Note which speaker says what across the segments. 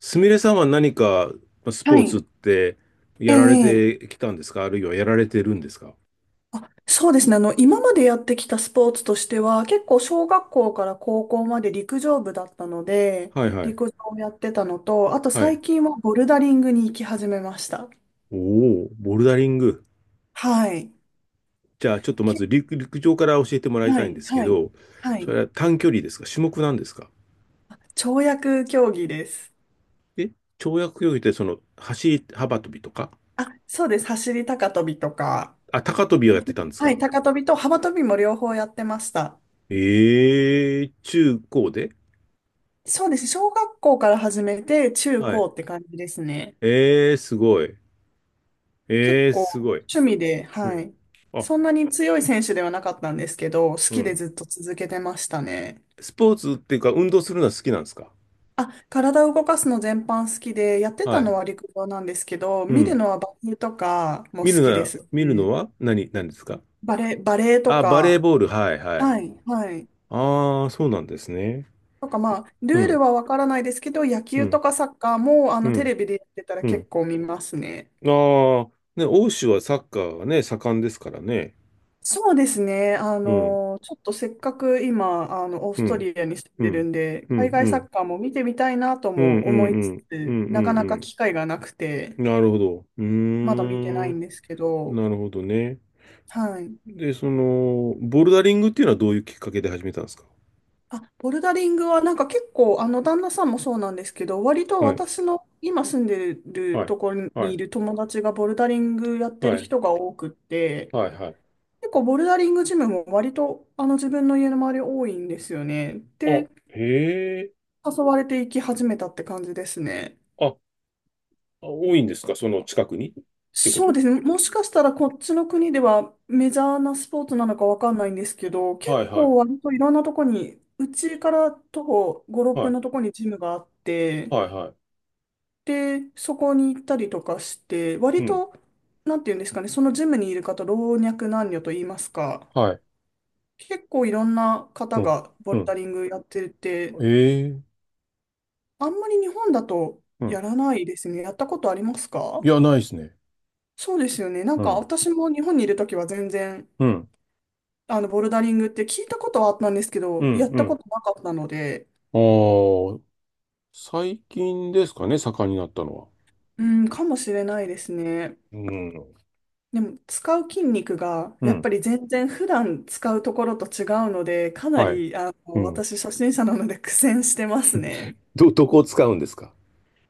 Speaker 1: すみれさんは何か、まあス
Speaker 2: は
Speaker 1: ポー
Speaker 2: い。
Speaker 1: ツって
Speaker 2: え
Speaker 1: やられ
Speaker 2: え
Speaker 1: てきたんですか？あるいはやられてるんですか？
Speaker 2: あ、そうですね。今までやってきたスポーツとしては、結構小学校から高校まで陸上部だったので、
Speaker 1: はいはい。
Speaker 2: 陸上をやってたのと、あと
Speaker 1: はい。
Speaker 2: 最近はボルダリングに行き始めました。
Speaker 1: おお、ボルダリング。
Speaker 2: はい。
Speaker 1: じゃあちょっとま
Speaker 2: け、
Speaker 1: ず陸上から教えてもらい
Speaker 2: は
Speaker 1: たいん
Speaker 2: い、
Speaker 1: ですけ
Speaker 2: はい、
Speaker 1: ど、
Speaker 2: は
Speaker 1: そ
Speaker 2: い。
Speaker 1: れは短距離ですか？種目なんですか？
Speaker 2: 跳躍競技です。
Speaker 1: え？跳躍競技ってその走り幅跳びとか？
Speaker 2: あ、そうです。走り高跳びとか。
Speaker 1: あ、高跳びをやってたんです
Speaker 2: はい、
Speaker 1: か？
Speaker 2: 高跳びと幅跳びも両方やってました。
Speaker 1: ええ、中高で？
Speaker 2: そうです。小学校から始めて、中
Speaker 1: はい。
Speaker 2: 高って感じですね。
Speaker 1: ええ、すごい。
Speaker 2: 結
Speaker 1: ええ、
Speaker 2: 構
Speaker 1: すごい。
Speaker 2: 趣味で、
Speaker 1: う
Speaker 2: は
Speaker 1: ん。
Speaker 2: い。
Speaker 1: あ、
Speaker 2: そんなに強い選手ではなかったんですけど、好
Speaker 1: う
Speaker 2: きで
Speaker 1: ん。
Speaker 2: ずっと続けてましたね。
Speaker 1: スポーツっていうか運動するのは好きなんですか？
Speaker 2: あ、体を動かすの全般好きで、やって
Speaker 1: は
Speaker 2: た
Speaker 1: い。
Speaker 2: のは陸上なんですけど、
Speaker 1: う
Speaker 2: 見る
Speaker 1: ん。
Speaker 2: のはバレエとかも好きです
Speaker 1: 見るの
Speaker 2: し、
Speaker 1: は何ですか？
Speaker 2: バレエと
Speaker 1: あ、バレー
Speaker 2: か、
Speaker 1: ボール。はい、はい。
Speaker 2: はい、はい。
Speaker 1: ああ、そうなんですね。
Speaker 2: とかル
Speaker 1: う
Speaker 2: ー
Speaker 1: ん、
Speaker 2: ルはわからないですけど、野
Speaker 1: う
Speaker 2: 球と
Speaker 1: ん、
Speaker 2: かサッカーも
Speaker 1: う
Speaker 2: テ
Speaker 1: ん、
Speaker 2: レビでやってたら
Speaker 1: う
Speaker 2: 結
Speaker 1: ん。
Speaker 2: 構見ますね。
Speaker 1: ああ、ね、欧州はサッカーがね、盛んですからね。
Speaker 2: そうですね。
Speaker 1: うん、
Speaker 2: ちょっとせっかく今、オー
Speaker 1: う
Speaker 2: スト
Speaker 1: ん、
Speaker 2: リアに住ん
Speaker 1: う
Speaker 2: でる
Speaker 1: ん、
Speaker 2: んで、
Speaker 1: う
Speaker 2: 海
Speaker 1: ん、う
Speaker 2: 外サッ
Speaker 1: ん、
Speaker 2: カーも見てみたいなと
Speaker 1: うん、う
Speaker 2: も思
Speaker 1: ん、う
Speaker 2: いつ
Speaker 1: ん、う
Speaker 2: つ、
Speaker 1: ん、う
Speaker 2: なかな
Speaker 1: ん。う
Speaker 2: か
Speaker 1: ん、
Speaker 2: 機会がなくて、
Speaker 1: なるほど。うー
Speaker 2: まだ見てな
Speaker 1: ん、
Speaker 2: いんですけど、
Speaker 1: なるほどね。
Speaker 2: はい。
Speaker 1: で、その、ボルダリングっていうのはどういうきっかけで始めたんですか？
Speaker 2: あ、ボルダリングはなんか結構、旦那さんもそうなんですけど、割と
Speaker 1: はい、
Speaker 2: 私の今住んでる
Speaker 1: はい、
Speaker 2: ところ
Speaker 1: は
Speaker 2: にい
Speaker 1: い、
Speaker 2: る友達がボルダリングやって
Speaker 1: は
Speaker 2: る
Speaker 1: い、
Speaker 2: 人が多くって、
Speaker 1: はい、はい。
Speaker 2: 結構ボルダリングジムも割と自分の家の周り多いんですよね。
Speaker 1: あ、
Speaker 2: で、
Speaker 1: へえ。
Speaker 2: 誘われていき始めたって感じですね。
Speaker 1: あ、多いんですか？その近くにってこ
Speaker 2: そう
Speaker 1: と？
Speaker 2: ですね。もしかしたらこっちの国ではメジャーなスポーツなのかわかんないんですけど、
Speaker 1: はい
Speaker 2: 結
Speaker 1: はい。
Speaker 2: 構割といろんなとこに、うちから徒歩5、6
Speaker 1: は
Speaker 2: 分
Speaker 1: い。
Speaker 2: のとこにジムがあって、
Speaker 1: はいは
Speaker 2: で、そこに行ったりとかして、
Speaker 1: い。
Speaker 2: 割
Speaker 1: うん。
Speaker 2: と、なんていうんですかね、そのジムにいる方、老若男女と言いますか、
Speaker 1: はい。
Speaker 2: 結構いろんな
Speaker 1: う
Speaker 2: 方
Speaker 1: ん。
Speaker 2: がボ
Speaker 1: う
Speaker 2: ルダ
Speaker 1: ん。
Speaker 2: リングやってて、
Speaker 1: ええ、
Speaker 2: あんまり日本だと
Speaker 1: うん。
Speaker 2: やらないですね。やったことありますか？
Speaker 1: いや、ないですね。
Speaker 2: そうですよね。な
Speaker 1: う
Speaker 2: んか
Speaker 1: ん。
Speaker 2: 私も日本にいるときは全然、
Speaker 1: うん。
Speaker 2: ボルダリングって聞いたことはあったんですけ
Speaker 1: う
Speaker 2: ど、や
Speaker 1: ん。
Speaker 2: っ
Speaker 1: う
Speaker 2: たこ
Speaker 1: ん。
Speaker 2: となかったので、
Speaker 1: ああ、最近ですかね、盛んになったのは。
Speaker 2: うん、かもしれないですね。
Speaker 1: うん。
Speaker 2: でも、使う筋肉が、
Speaker 1: う
Speaker 2: やっぱ
Speaker 1: ん。
Speaker 2: り全然普段使うところと違うので、かな
Speaker 1: はい。
Speaker 2: り、
Speaker 1: うん。
Speaker 2: 私初心者なので苦戦してますね。
Speaker 1: どこを使うんですか？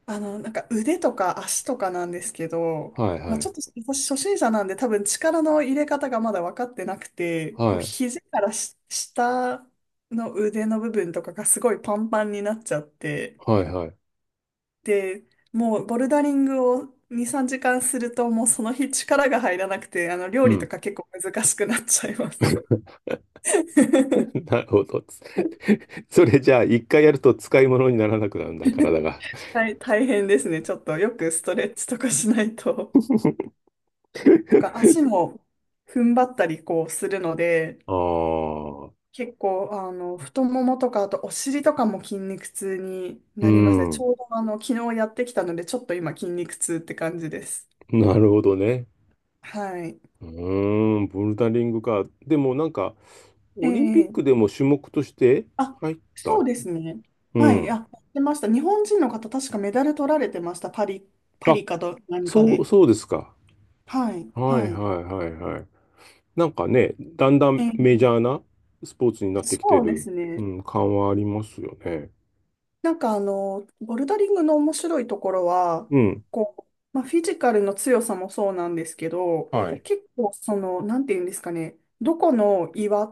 Speaker 2: なんか腕とか足とかなんですけど、
Speaker 1: はい
Speaker 2: ま
Speaker 1: は
Speaker 2: あ、ち
Speaker 1: い。
Speaker 2: ょっと私初心者なんで多分力の入れ方がまだ分かってなくて、こう
Speaker 1: はい。
Speaker 2: 肘からし下の腕の部分とかがすごいパンパンになっちゃって、
Speaker 1: はいはい。
Speaker 2: で、もうボルダリングを2、3時間するともうその日力が入らなくて、料
Speaker 1: う
Speaker 2: 理と
Speaker 1: ん。
Speaker 2: か結構難しくなっちゃいます。
Speaker 1: な るほど。それじゃあ、一回やると使い物にならなくなるんだ、体が。
Speaker 2: 大変ですね。ちょっとよくストレッチとかしないと。とか足も踏ん張ったりこうするので、
Speaker 1: ああ、
Speaker 2: 結構、太ももとか、あとお尻とかも筋肉痛に
Speaker 1: う
Speaker 2: なりますね。ち
Speaker 1: ん。
Speaker 2: ょうど、昨日やってきたので、ちょっと今、筋肉痛って感じです。
Speaker 1: なるほどね。
Speaker 2: はい。
Speaker 1: うーん、ボルダリングか。でもなんか、オリンピッ
Speaker 2: え
Speaker 1: ク
Speaker 2: え
Speaker 1: でも種目として
Speaker 2: あ、
Speaker 1: 入った。
Speaker 2: そうですね。
Speaker 1: う
Speaker 2: はい。あ、や
Speaker 1: ん。
Speaker 2: ってました。日本人の方、確かメダル取られてました。パリ、パ
Speaker 1: あ、
Speaker 2: リかと何か
Speaker 1: そう、
Speaker 2: で。
Speaker 1: そうですか。
Speaker 2: はい。
Speaker 1: は
Speaker 2: は
Speaker 1: い
Speaker 2: い。
Speaker 1: はいはいはい。なんかね、だんだん
Speaker 2: え
Speaker 1: メジャー
Speaker 2: え
Speaker 1: なスポーツになってきて
Speaker 2: そうで
Speaker 1: る、
Speaker 2: す
Speaker 1: う
Speaker 2: ね。
Speaker 1: ん、感はありますよね。
Speaker 2: なんかボルダリングの面白いところは、
Speaker 1: うん。
Speaker 2: こう、まあ、フィジカルの強さもそうなんですけど、
Speaker 1: はい。
Speaker 2: 結構その、なんていうんですかね、どこの岩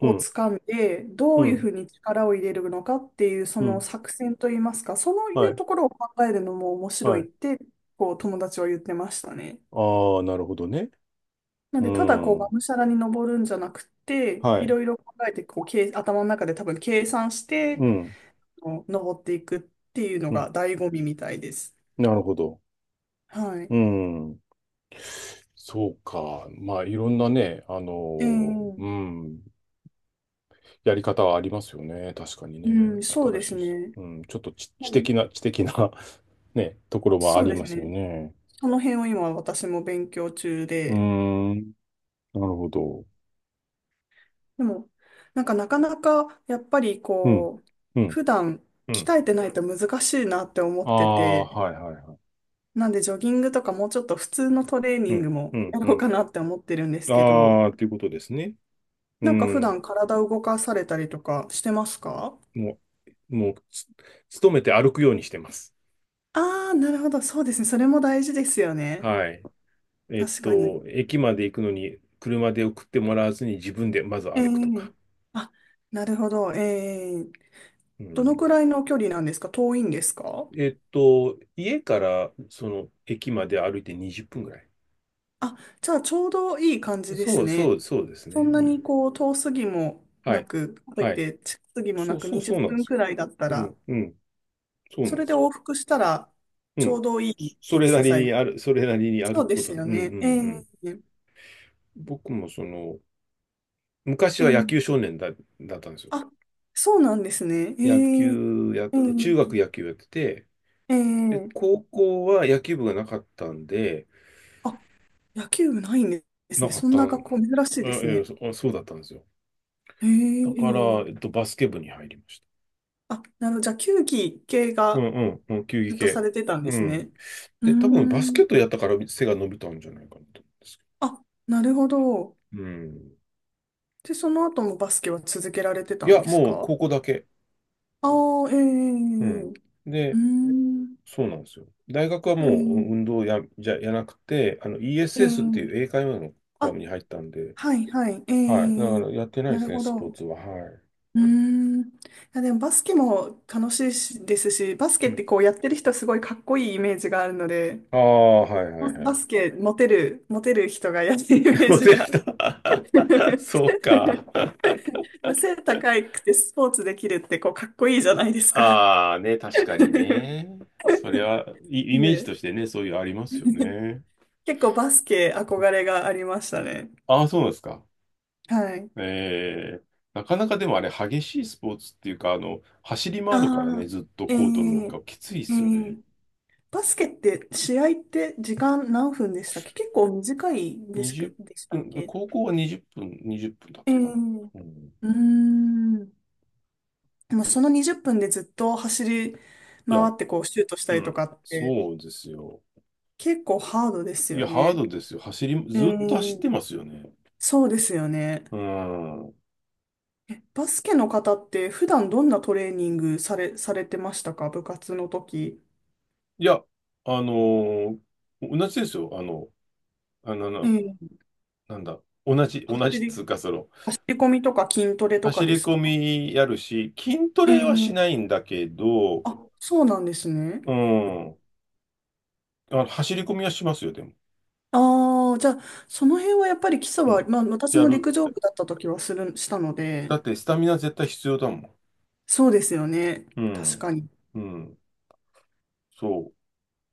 Speaker 1: うん。
Speaker 2: 掴んで、ど
Speaker 1: う
Speaker 2: ういうふ
Speaker 1: ん。
Speaker 2: うに力を入れるのかっていう、そ
Speaker 1: う
Speaker 2: の
Speaker 1: ん。
Speaker 2: 作戦といいますか、そうい
Speaker 1: は
Speaker 2: う
Speaker 1: い。
Speaker 2: ところを考えるのも面白
Speaker 1: は
Speaker 2: い
Speaker 1: い。
Speaker 2: って、こう、友達は言ってましたね。
Speaker 1: ああ、なるほどね。
Speaker 2: なん
Speaker 1: う
Speaker 2: で、ただこう、が
Speaker 1: ん。
Speaker 2: むしゃらに登るんじゃなくて、
Speaker 1: は
Speaker 2: い
Speaker 1: い。
Speaker 2: ろいろ考えて、こう、頭の中で多分計算し
Speaker 1: う
Speaker 2: て
Speaker 1: ん。
Speaker 2: の登っていくっていうの
Speaker 1: うん。
Speaker 2: が醍醐味みたいです。
Speaker 1: なるほど。
Speaker 2: はい。
Speaker 1: うん。そうか。まあ、いろんなね、あ
Speaker 2: え
Speaker 1: の、
Speaker 2: ー、
Speaker 1: うん、やり方はありますよね。確かに
Speaker 2: う
Speaker 1: ね。
Speaker 2: ん、そう
Speaker 1: 新
Speaker 2: で
Speaker 1: し
Speaker 2: す
Speaker 1: い、
Speaker 2: ね。
Speaker 1: うん、ちょっと知、知
Speaker 2: うん
Speaker 1: 的な、知的な ね、ところはあ
Speaker 2: そう
Speaker 1: り
Speaker 2: です
Speaker 1: ます
Speaker 2: ね。
Speaker 1: よね。
Speaker 2: その辺を今私も勉強中
Speaker 1: うー
Speaker 2: で、
Speaker 1: ん、なるほど。
Speaker 2: でも、なんかなかなかやっぱり
Speaker 1: うん、
Speaker 2: こう、
Speaker 1: うん、
Speaker 2: 普段
Speaker 1: うん。
Speaker 2: 鍛えてないと難しいなって思
Speaker 1: あ
Speaker 2: って
Speaker 1: あ、
Speaker 2: て、
Speaker 1: はいはいはい。
Speaker 2: なんでジョギングとかもうちょっと普通のトレーニ
Speaker 1: う
Speaker 2: ン
Speaker 1: ん、
Speaker 2: グも
Speaker 1: うん、
Speaker 2: や
Speaker 1: う
Speaker 2: ろう
Speaker 1: ん。
Speaker 2: かなって思ってるんですけど、
Speaker 1: ああ、ということですね。う
Speaker 2: なんか普
Speaker 1: ん、
Speaker 2: 段体を動かされたりとかしてますか？
Speaker 1: もう、もう、つ勤めて歩くようにしてます。
Speaker 2: ああー、なるほど。そうですね。それも大事ですよね。
Speaker 1: はい。
Speaker 2: 確かに。
Speaker 1: 駅まで行くのに車で送ってもらわずに自分でまず
Speaker 2: え
Speaker 1: 歩くとか。
Speaker 2: えあ、なるほど。
Speaker 1: う
Speaker 2: どのく
Speaker 1: ん。
Speaker 2: らいの距離なんですか？遠いんですか？
Speaker 1: 家からその駅まで歩いて20分ぐらい。
Speaker 2: あ、じゃあちょうどいい感じで
Speaker 1: そ
Speaker 2: す
Speaker 1: う
Speaker 2: ね。
Speaker 1: そうそうです
Speaker 2: そ
Speaker 1: ね。
Speaker 2: ん
Speaker 1: い
Speaker 2: な
Speaker 1: い。
Speaker 2: にこう遠すぎも
Speaker 1: は
Speaker 2: な
Speaker 1: い。
Speaker 2: く、かといっ
Speaker 1: はい。
Speaker 2: て近すぎも
Speaker 1: そ
Speaker 2: な
Speaker 1: う
Speaker 2: く
Speaker 1: そう
Speaker 2: 20
Speaker 1: そうなんで
Speaker 2: 分
Speaker 1: す。
Speaker 2: くらいだった
Speaker 1: う
Speaker 2: ら、
Speaker 1: ん、うん。そうな
Speaker 2: そ
Speaker 1: んで
Speaker 2: れで
Speaker 1: す。
Speaker 2: 往復したら
Speaker 1: う
Speaker 2: ちょ
Speaker 1: ん。
Speaker 2: うどいい
Speaker 1: そ
Speaker 2: エク
Speaker 1: れな
Speaker 2: サ
Speaker 1: り
Speaker 2: サイ
Speaker 1: に
Speaker 2: ズ。
Speaker 1: ある、それなりに
Speaker 2: そ
Speaker 1: 歩
Speaker 2: う
Speaker 1: く
Speaker 2: で
Speaker 1: こ
Speaker 2: す
Speaker 1: と。うん、
Speaker 2: よ
Speaker 1: うん、
Speaker 2: ね。
Speaker 1: うん。僕もその、昔は野球
Speaker 2: ええ
Speaker 1: 少年だ、だったんですよ。
Speaker 2: あ、そうなんですね。
Speaker 1: 野球やっ
Speaker 2: え
Speaker 1: て、中学
Speaker 2: え
Speaker 1: 野球やってて、で、
Speaker 2: ええ
Speaker 1: 高校は野球部がなかったんで、
Speaker 2: あ、野球部ないんです
Speaker 1: な
Speaker 2: ね。
Speaker 1: かっ
Speaker 2: そん
Speaker 1: たん、
Speaker 2: な学校珍しい
Speaker 1: あ
Speaker 2: です
Speaker 1: ええ
Speaker 2: ね。
Speaker 1: そあそうだったんですよ。
Speaker 2: へえ、
Speaker 1: だから、
Speaker 2: ええ
Speaker 1: バスケ部に入りまし
Speaker 2: あ、なるほど。じゃあ、球技系
Speaker 1: た。う
Speaker 2: が
Speaker 1: んうん、うん、球技
Speaker 2: ずっとさ
Speaker 1: 系。
Speaker 2: れてたん
Speaker 1: う
Speaker 2: です
Speaker 1: ん。
Speaker 2: ね。うー
Speaker 1: で、多分バスケ
Speaker 2: ん。
Speaker 1: ットやったから背が伸びたんじゃないかなと思うんですけ
Speaker 2: あ、なるほど。
Speaker 1: ど。うん。
Speaker 2: で、その後もバスケは続けられて
Speaker 1: い
Speaker 2: たん
Speaker 1: や、
Speaker 2: です
Speaker 1: もう
Speaker 2: か？
Speaker 1: 高校だけ。
Speaker 2: ああ、ええ、
Speaker 1: うん。
Speaker 2: うー
Speaker 1: で、
Speaker 2: ん。
Speaker 1: そうなんですよ。大学はもう運
Speaker 2: え
Speaker 1: 動や、じゃ、やなくて、
Speaker 2: え、え
Speaker 1: ESS っていう英
Speaker 2: え。
Speaker 1: 会話のクラ
Speaker 2: あ、
Speaker 1: ブに入ったんで、
Speaker 2: はい、はい、え
Speaker 1: はい。だか
Speaker 2: え。
Speaker 1: らやってないで
Speaker 2: なる
Speaker 1: すね、
Speaker 2: ほ
Speaker 1: スポー
Speaker 2: ど。
Speaker 1: ツは。はい。
Speaker 2: うーん。いや、でもバスケも楽しいしですし、バスケ
Speaker 1: う
Speaker 2: って
Speaker 1: ん。
Speaker 2: こうやってる人すごいかっこいいイメージがあるので、
Speaker 1: ああ、はいはいは
Speaker 2: バ
Speaker 1: い。
Speaker 2: スケモテる、モテる人がやってるイメー
Speaker 1: モ
Speaker 2: ジ
Speaker 1: デル
Speaker 2: が。
Speaker 1: 来た。そうか。
Speaker 2: まあ背高くてスポーツできるってこうかっこいいじゃないですか？
Speaker 1: ああ、ね、確かにね。それは、イイメージ
Speaker 2: で、
Speaker 1: としてね、そういうありますよね。
Speaker 2: 結構バスケ憧れがありましたね。
Speaker 1: ああ、そうなんですか。
Speaker 2: はい。
Speaker 1: ええ、なかなかでもあれ、激しいスポーツっていうか、走り回るからね、
Speaker 2: ああ、
Speaker 1: ずっと
Speaker 2: え
Speaker 1: コートの中、
Speaker 2: ー、
Speaker 1: きついっ
Speaker 2: え
Speaker 1: すよね。
Speaker 2: ー、バスケって試合って時間何分でしたっけ？結構短いでした
Speaker 1: 20
Speaker 2: っけ、でしたっ
Speaker 1: 分、
Speaker 2: け？
Speaker 1: 高校は20分、20分だっ
Speaker 2: え
Speaker 1: たかな。
Speaker 2: ー、
Speaker 1: うん、い
Speaker 2: うーん。でもその20分でずっと走り
Speaker 1: や、
Speaker 2: 回ってこうシュートした
Speaker 1: う
Speaker 2: りと
Speaker 1: ん、
Speaker 2: かって
Speaker 1: そうですよ。
Speaker 2: 結構ハードです
Speaker 1: い
Speaker 2: よ
Speaker 1: や、ハー
Speaker 2: ね。
Speaker 1: ドですよ。
Speaker 2: え
Speaker 1: ずっと走って
Speaker 2: ー
Speaker 1: ますよね。
Speaker 2: そうですよね。
Speaker 1: うん。
Speaker 2: え、バスケの方って普段どんなトレーニングされされてましたか？部活の時。
Speaker 1: いや、あのー同じですよ。あの、あの、
Speaker 2: え
Speaker 1: な
Speaker 2: え、
Speaker 1: なんだ、同じ、
Speaker 2: 走
Speaker 1: 同じっつ
Speaker 2: り、
Speaker 1: うか、
Speaker 2: 走り込みとか筋トレとか
Speaker 1: 走
Speaker 2: で
Speaker 1: り
Speaker 2: す
Speaker 1: 込
Speaker 2: か？
Speaker 1: みやるし、筋ト
Speaker 2: え
Speaker 1: レはし
Speaker 2: え、
Speaker 1: ないんだけど、
Speaker 2: あ、そうなんですね。
Speaker 1: うん、走り込みはしますよ、でも。
Speaker 2: ああ、じゃあ、その辺はやっぱり基礎
Speaker 1: う
Speaker 2: は、
Speaker 1: ん。
Speaker 2: まあ私
Speaker 1: や
Speaker 2: も
Speaker 1: る。
Speaker 2: 陸上部だった時はしたので、
Speaker 1: だって、スタミナ絶対必要だもん。
Speaker 2: そうですよね。
Speaker 1: う
Speaker 2: 確
Speaker 1: ん。
Speaker 2: かに。
Speaker 1: うん。そ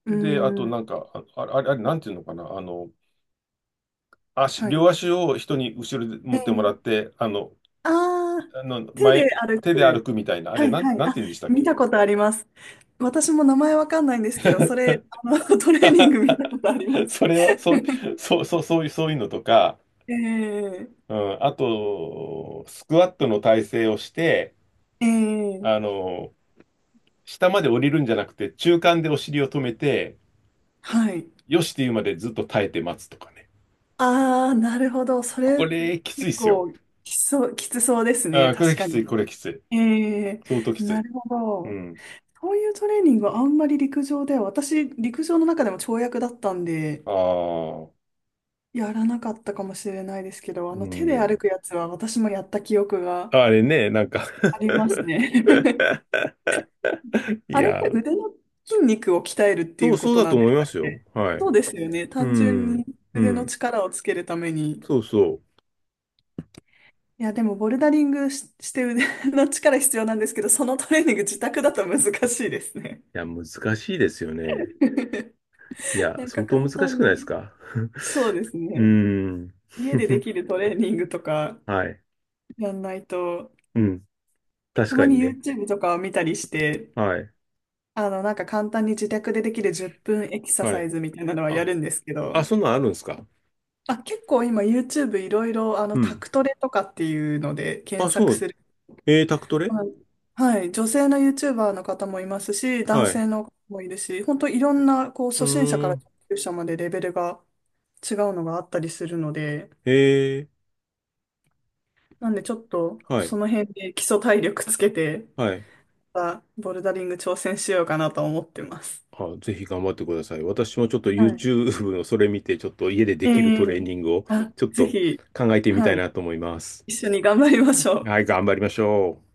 Speaker 2: う
Speaker 1: う。で、あと、
Speaker 2: ーん。
Speaker 1: なんか、ああれ、あれ、あれなんていうのかな、
Speaker 2: はい。
Speaker 1: 両足を人に後ろで
Speaker 2: え
Speaker 1: 持ってもら
Speaker 2: え、
Speaker 1: って、
Speaker 2: ああ、手で
Speaker 1: 前、
Speaker 2: 歩
Speaker 1: 手で歩
Speaker 2: く。
Speaker 1: くみたいな、あ
Speaker 2: は
Speaker 1: れ、
Speaker 2: い
Speaker 1: なん、
Speaker 2: はい。
Speaker 1: なんて
Speaker 2: あ、
Speaker 1: 言うんでしたっ
Speaker 2: 見た
Speaker 1: け？
Speaker 2: ことあります。私も名前わかんないんですけど、それ、トレーニング見たことありま す。
Speaker 1: それは、そう、そう、そう、そういう、そういうのとか、
Speaker 2: ええ
Speaker 1: うん、あと、スクワットの体勢をして、
Speaker 2: え
Speaker 1: あ
Speaker 2: え
Speaker 1: の、下まで降りるんじゃなくて、中間でお尻を止めて、
Speaker 2: はい。
Speaker 1: よしっていうまでずっと耐えて待つとかね。
Speaker 2: ああ、なるほど。それ、
Speaker 1: これ、きついっ
Speaker 2: 結
Speaker 1: すよ。
Speaker 2: 構、きつそうですね。
Speaker 1: あー、こ
Speaker 2: 確
Speaker 1: れき
Speaker 2: か
Speaker 1: つい、こ
Speaker 2: に。
Speaker 1: れきつい。
Speaker 2: ええ
Speaker 1: 相当きつ
Speaker 2: な
Speaker 1: い。
Speaker 2: るほ
Speaker 1: う
Speaker 2: ど。
Speaker 1: ん。
Speaker 2: そういうトレーニングはあんまり陸上では、私、陸上の中でも跳躍だったんで、
Speaker 1: ああ、
Speaker 2: やらなかったかもしれないですけど、
Speaker 1: う
Speaker 2: 手で歩
Speaker 1: ん。
Speaker 2: くやつは私もやった記憶が
Speaker 1: あれね、なんか
Speaker 2: ありますね。
Speaker 1: い
Speaker 2: あれって
Speaker 1: や、
Speaker 2: 腕の筋肉を鍛えるってい
Speaker 1: そう、
Speaker 2: うこ
Speaker 1: そう
Speaker 2: と
Speaker 1: だと
Speaker 2: なんで
Speaker 1: 思い
Speaker 2: し
Speaker 1: ま
Speaker 2: たっ
Speaker 1: すよ。
Speaker 2: け？
Speaker 1: はい。
Speaker 2: そうですよね。
Speaker 1: う
Speaker 2: 単純
Speaker 1: ん。
Speaker 2: に
Speaker 1: う
Speaker 2: 腕の
Speaker 1: ん。
Speaker 2: 力をつけるために。
Speaker 1: そうそう。
Speaker 2: いや、でもボルダリングし、して腕の力必要なんですけど、そのトレーニング自宅だと難しいですね。
Speaker 1: いや、難しいですよね。いや、
Speaker 2: なんか
Speaker 1: 相当
Speaker 2: 簡
Speaker 1: 難し
Speaker 2: 単
Speaker 1: くな
Speaker 2: に、
Speaker 1: いですか？
Speaker 2: そうです
Speaker 1: うー
Speaker 2: ね。
Speaker 1: ん。
Speaker 2: 家でで きるトレーニングとか
Speaker 1: はい。
Speaker 2: やんないと、
Speaker 1: うん。確
Speaker 2: たま
Speaker 1: か
Speaker 2: に
Speaker 1: にね。
Speaker 2: YouTube とかを見たりして、
Speaker 1: はい。
Speaker 2: なんか簡単に自宅でできる10分エクサ
Speaker 1: は
Speaker 2: サイ
Speaker 1: い。
Speaker 2: ズみたいなのはや
Speaker 1: あ、
Speaker 2: るんですけど、
Speaker 1: あ、そんなんあるんですか？
Speaker 2: あ、結構今 YouTube いろいろ
Speaker 1: う
Speaker 2: タ
Speaker 1: ん。
Speaker 2: クトレとかっていうので
Speaker 1: あ、
Speaker 2: 検
Speaker 1: そ
Speaker 2: 索
Speaker 1: う。
Speaker 2: する。
Speaker 1: タクトレ？
Speaker 2: はい。はい女性の YouTuber の方もいますし、男
Speaker 1: はい。
Speaker 2: 性の方もいるし、本当いろんなこう
Speaker 1: う
Speaker 2: 初心者か
Speaker 1: ー
Speaker 2: ら
Speaker 1: ん。
Speaker 2: 上級者までレベルが違うのがあったりするので、
Speaker 1: え
Speaker 2: なんでちょっと
Speaker 1: はい。
Speaker 2: その辺で基礎体力つけて、
Speaker 1: はい。
Speaker 2: またボルダリング挑戦しようかなと思ってます。
Speaker 1: あ、ぜひ頑張ってください。私もちょっと
Speaker 2: はい。
Speaker 1: YouTube のそれ見て、ちょっと家でで
Speaker 2: え
Speaker 1: きるトレー
Speaker 2: え
Speaker 1: ニングを
Speaker 2: あ、
Speaker 1: ちょっ
Speaker 2: ぜ
Speaker 1: と
Speaker 2: ひ、
Speaker 1: 考えてみた
Speaker 2: は
Speaker 1: い
Speaker 2: い。
Speaker 1: なと思います。
Speaker 2: 一緒に頑張りましょう。
Speaker 1: はい、頑張りましょう。